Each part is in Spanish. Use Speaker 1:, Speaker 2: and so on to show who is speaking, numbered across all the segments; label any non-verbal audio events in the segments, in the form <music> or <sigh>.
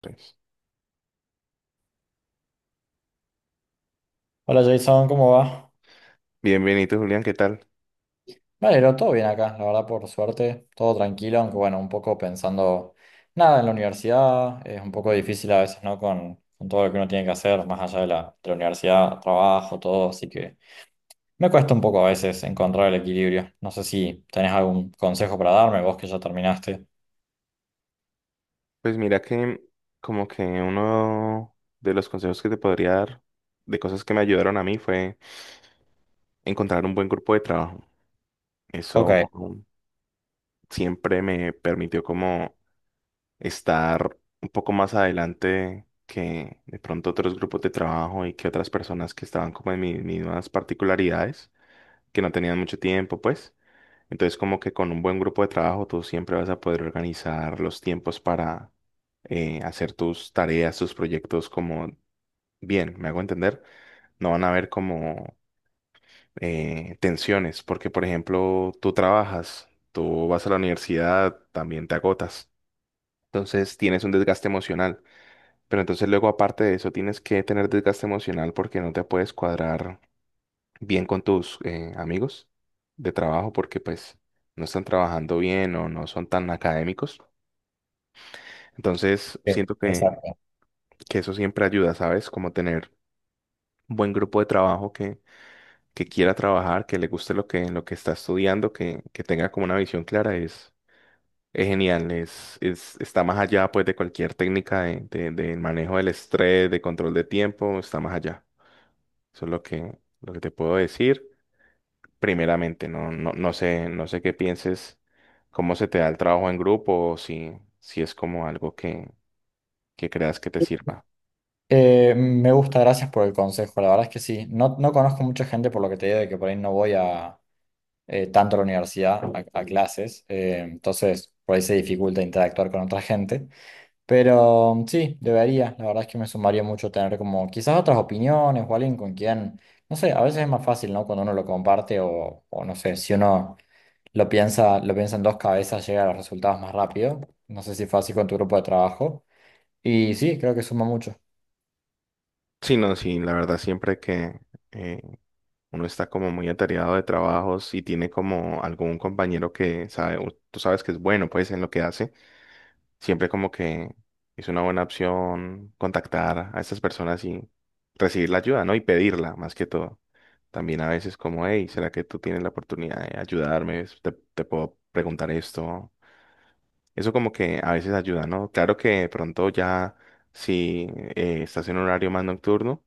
Speaker 1: Pues,
Speaker 2: Hola Jason, ¿cómo va?
Speaker 1: bienvenido, Julián, ¿qué tal?
Speaker 2: Valero, todo bien acá, la verdad, por suerte, todo tranquilo, aunque bueno, un poco pensando nada en la universidad, es un poco difícil a veces, ¿no? Con todo lo que uno tiene que hacer, más allá de la universidad, trabajo, todo, así que me cuesta un poco a veces encontrar el equilibrio. No sé si tenés algún consejo para darme, vos que ya terminaste.
Speaker 1: Pues mira que como que uno de los consejos que te podría dar de cosas que me ayudaron a mí fue encontrar un buen grupo de trabajo. Eso
Speaker 2: Ok.
Speaker 1: siempre me permitió como estar un poco más adelante que de pronto otros grupos de trabajo y que otras personas que estaban como en mis mismas particularidades, que no tenían mucho tiempo, pues. Entonces, como que con un buen grupo de trabajo, tú siempre vas a poder organizar los tiempos para hacer tus tareas, tus proyectos como bien, ¿me hago entender? No van a haber como tensiones, porque, por ejemplo, tú trabajas, tú vas a la universidad, también te agotas. Entonces, tienes un desgaste emocional. Pero entonces luego, aparte de eso, tienes que tener desgaste emocional porque no te puedes cuadrar bien con tus amigos de trabajo porque pues no están trabajando bien o no son tan académicos. Entonces
Speaker 2: Sí,
Speaker 1: siento que,
Speaker 2: exacto.
Speaker 1: que eso siempre ayuda, ¿sabes? Como tener un buen grupo de trabajo que quiera trabajar, que le guste lo que está estudiando, que tenga como una visión clara es genial, está más allá pues de cualquier técnica de manejo del estrés, de control de tiempo, está más allá. Eso es lo que te puedo decir primeramente. No, no, no sé qué pienses, cómo se te da el trabajo en grupo o si es como algo que creas que te sirva.
Speaker 2: Me gusta, gracias por el consejo, la verdad es que sí, no, no conozco mucha gente por lo que te digo de que por ahí no voy a, tanto a la universidad, a clases, entonces por ahí se dificulta interactuar con otra gente, pero sí, debería, la verdad es que me sumaría mucho tener como quizás otras opiniones o alguien con quien, no sé, a veces es más fácil, ¿no? Cuando uno lo comparte o no sé, si uno lo piensa en dos cabezas, llega a los resultados más rápido, no sé si fue así con tu grupo de trabajo, y sí, creo que suma mucho.
Speaker 1: Sí, no, sí, la verdad siempre que eh, uno está como muy atareado de trabajos y tiene como algún compañero que sabe, o tú sabes que es bueno pues en lo que hace. Siempre como que es una buena opción contactar a estas personas y recibir la ayuda, ¿no? Y pedirla, más que todo. También a veces como, hey, ¿será que tú tienes la oportunidad de ayudarme? ¿Te puedo preguntar esto? Eso como que a veces ayuda, ¿no? Claro que de pronto ya si estás en un horario más nocturno,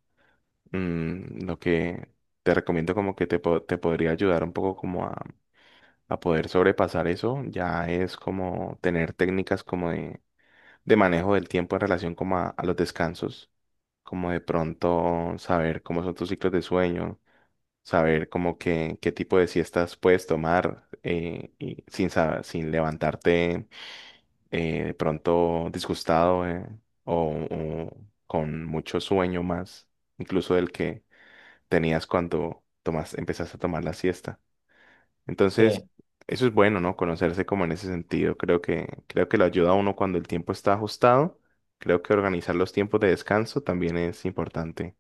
Speaker 1: lo que te recomiendo como que te podría ayudar un poco como a poder sobrepasar eso, ya es como tener técnicas como de manejo del tiempo en relación como a los descansos, como de pronto saber cómo son tus ciclos de sueño, saber como qué tipo de siestas puedes tomar y sin levantarte de pronto disgustado o con mucho sueño más, incluso del que tenías cuando empezaste a tomar la siesta.
Speaker 2: Sí,
Speaker 1: Entonces, eso es bueno, ¿no? Conocerse como en ese sentido. Creo que lo ayuda a uno cuando el tiempo está ajustado. Creo que organizar los tiempos de descanso también es importante.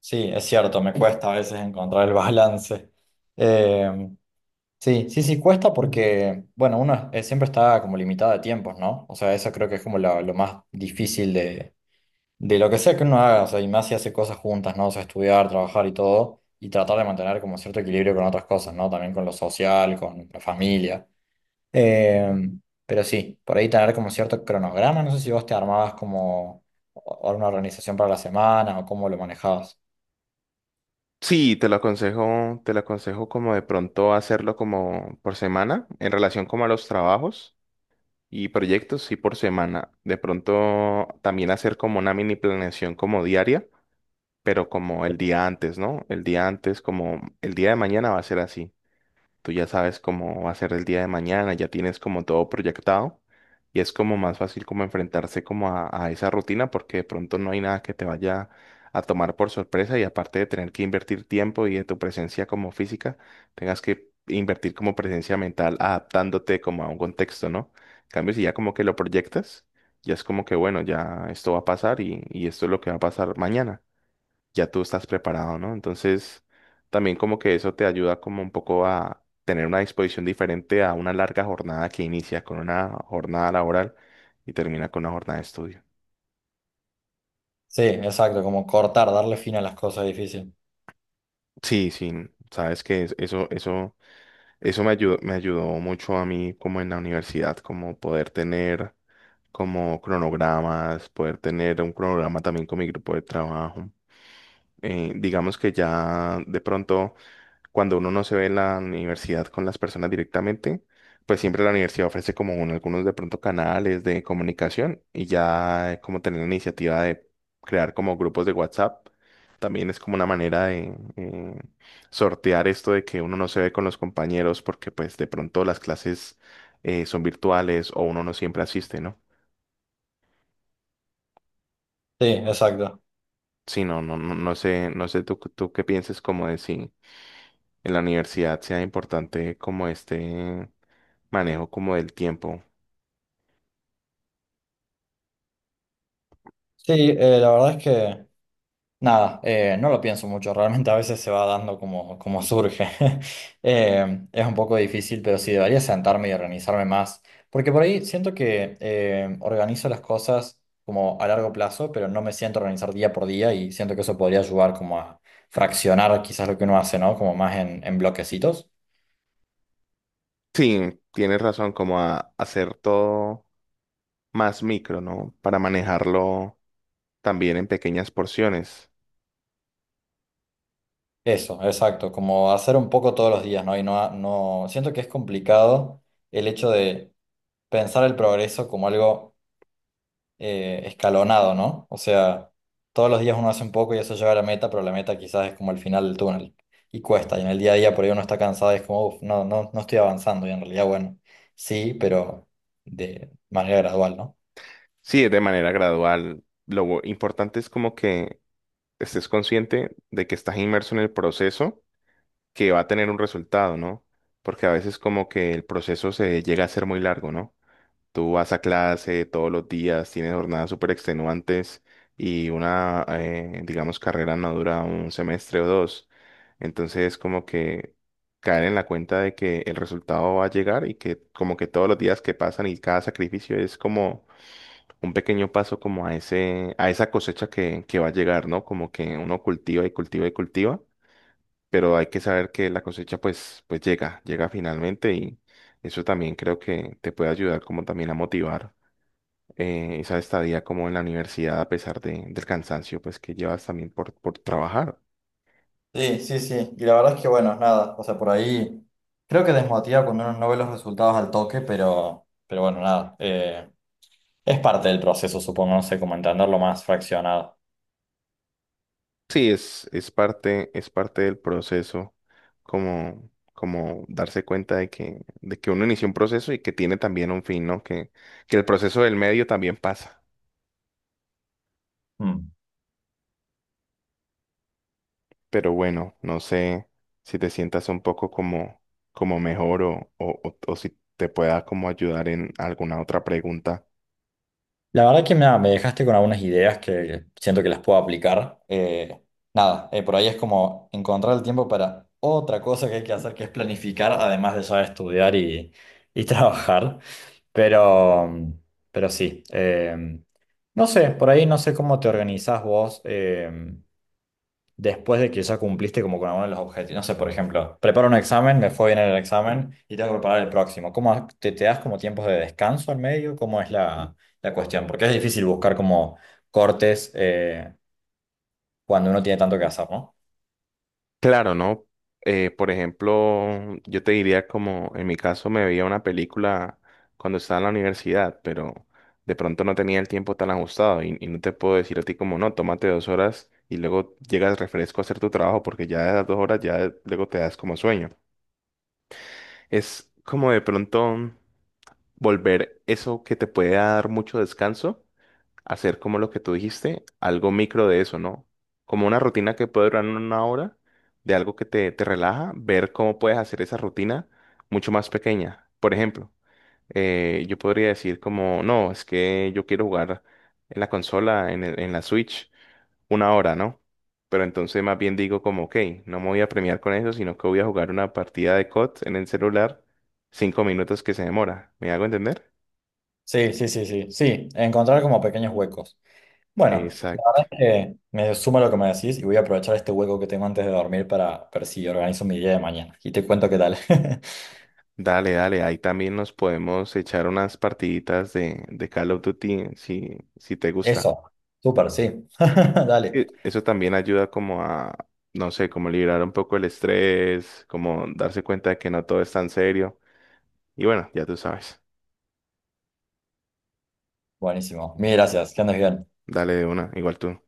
Speaker 2: sí, es cierto, me cuesta a veces encontrar el balance. Sí, sí, sí, cuesta porque, bueno, uno es- siempre está como limitado de tiempos, ¿no? O sea, eso creo que es como lo más difícil de lo que sea que uno haga, o sea, y más si hace cosas juntas, ¿no? O sea, estudiar, trabajar y todo, y tratar de mantener como cierto equilibrio con otras cosas, ¿no? También con lo social, con la familia. Eh, pero sí, por ahí tener como cierto cronograma, no sé si vos te armabas como o- una organización para la semana o cómo lo manejabas.
Speaker 1: Sí, te lo aconsejo como de pronto hacerlo como por semana, en relación como a los trabajos y proyectos, sí por semana. De pronto también hacer como una mini planeación como diaria, pero como el día antes, ¿no? El día antes, como el día de mañana va a ser así. Tú ya sabes cómo va a ser el día de mañana, ya tienes como todo proyectado y es como más fácil como enfrentarse como a esa rutina porque de pronto no hay nada que te vaya a tomar por sorpresa y aparte de tener que invertir tiempo y de tu presencia como física, tengas que invertir como presencia mental adaptándote como a un contexto, ¿no? En cambio, si ya como que lo proyectas, ya es como que bueno, ya esto va a pasar y esto es lo que va a pasar mañana, ya tú estás preparado, ¿no? Entonces, también como que eso te ayuda como un poco a tener una disposición diferente a una larga jornada que inicia con una jornada laboral y termina con una jornada de estudio.
Speaker 2: Sí, exacto, como cortar, darle fin a las cosas difíciles.
Speaker 1: Sí, sí, sabes que eso me ayudó mucho a mí como en la universidad, como poder tener como cronogramas, poder tener un cronograma también con mi grupo de trabajo. Digamos que ya de pronto cuando uno no se ve en la universidad con las personas directamente, pues siempre la universidad ofrece como algunos de pronto canales de comunicación y ya como tener la iniciativa de crear como grupos de WhatsApp, también es como una manera de sortear esto de que uno no se ve con los compañeros porque pues de pronto las clases son virtuales o uno no siempre asiste, ¿no?
Speaker 2: Sí, exacto.
Speaker 1: Sí, no, no, no, no sé tú qué pienses como de si en la universidad sea importante como este manejo como del tiempo.
Speaker 2: Sí, la verdad es que nada, no lo pienso mucho, realmente a veces se va dando como, como surge. <laughs> Es un poco difícil, pero sí debería sentarme y organizarme más, porque por ahí siento que organizo las cosas como a largo plazo, pero no me siento a organizar día por día y siento que eso podría ayudar como a fraccionar quizás lo que uno hace, ¿no? Como más en bloquecitos.
Speaker 1: Sí, tienes razón, como a hacer todo más micro, ¿no? Para manejarlo también en pequeñas porciones.
Speaker 2: Eso, exacto, como hacer un poco todos los días, ¿no? Y no, no, siento que es complicado el hecho de pensar el progreso como algo, escalonado, ¿no? O sea, todos los días uno hace un poco y eso lleva a la meta, pero la meta quizás es como el final del túnel y cuesta. Y en el día a día por ahí uno está cansado y es como, uff, no, no, no estoy avanzando. Y en realidad, bueno, sí, pero de manera gradual, ¿no?
Speaker 1: Sí, es de manera gradual. Lo importante es como que estés consciente de que estás inmerso en el proceso que va a tener un resultado, ¿no? Porque a veces como que el proceso se llega a ser muy largo, ¿no? Tú vas a clase todos los días, tienes jornadas súper extenuantes y una, digamos, carrera no dura un semestre o dos. Entonces, como que caer en la cuenta de que el resultado va a llegar y que como que todos los días que pasan y cada sacrificio es como un pequeño paso como a ese, a esa cosecha que va a llegar, ¿no? Como que uno cultiva y cultiva y cultiva, pero hay que saber que la cosecha pues llega finalmente y eso también creo que te puede ayudar como también a motivar esa estadía como en la universidad a pesar del cansancio pues que llevas también por trabajar.
Speaker 2: Sí, sí, sí. Y la verdad es que, bueno, nada. O sea, por ahí creo que desmotiva cuando uno no ve los resultados al toque, pero bueno, nada. Es parte del proceso, supongo, no sé, como entenderlo más fraccionado.
Speaker 1: Sí, es parte del proceso, como darse cuenta de que uno inició un proceso y que tiene también un fin, ¿no? Que el proceso del medio también pasa.
Speaker 2: Mm.
Speaker 1: Pero bueno, no sé si te sientas un poco como mejor o, o si te pueda como ayudar en alguna otra pregunta.
Speaker 2: La verdad que mira, me dejaste con algunas ideas que siento que las puedo aplicar. Nada, por ahí es como encontrar el tiempo para otra cosa que hay que hacer, que es planificar, además de ya estudiar y <laughs> trabajar. Pero, pero sí, no sé, por ahí no sé cómo te organizás vos. Después de que ya cumpliste como con alguno de los objetivos. No sé, por ejemplo, preparo un examen, me fue bien en el examen y tengo que preparar el próximo. ¿Cómo ha- te das como tiempos de descanso en medio? ¿Cómo es la, la cuestión? Porque es difícil buscar como cortes, cuando uno tiene tanto que hacer, ¿no?
Speaker 1: Claro, ¿no? Por ejemplo, yo te diría como en mi caso me veía una película cuando estaba en la universidad, pero de pronto no tenía el tiempo tan ajustado y no te puedo decir a ti como no, tómate 2 horas y luego llegas refresco a hacer tu trabajo porque ya de las 2 horas ya luego te das como sueño. Es como de pronto volver eso que te puede dar mucho descanso hacer como lo que tú dijiste, algo micro de eso, ¿no? Como una rutina que puede durar una hora, de algo que te relaja, ver cómo puedes hacer esa rutina mucho más pequeña. Por ejemplo, yo podría decir como, no, es que yo quiero jugar en la consola, en la Switch, una hora, ¿no? Pero entonces más bien digo como, ok, no me voy a premiar con eso, sino que voy a jugar una partida de COD en el celular, 5 minutos que se demora. ¿Me hago entender?
Speaker 2: Sí, sí, sí, sí, sí, encontrar como pequeños huecos. Bueno, la
Speaker 1: Exacto.
Speaker 2: verdad es que me suma lo que me decís y voy a aprovechar este hueco que tengo antes de dormir para ver si organizo mi día de mañana y te cuento qué tal. <laughs>
Speaker 1: Dale, dale, ahí también nos podemos echar unas partiditas de Call of Duty si te gusta.
Speaker 2: Eso, súper, sí. <laughs> Dale.
Speaker 1: Eso también ayuda como a, no sé, como liberar un poco el estrés, como darse cuenta de que no todo es tan serio. Y bueno, ya tú sabes.
Speaker 2: Buenísimo. Mil gracias. Que andes bien.
Speaker 1: Dale de una, igual tú.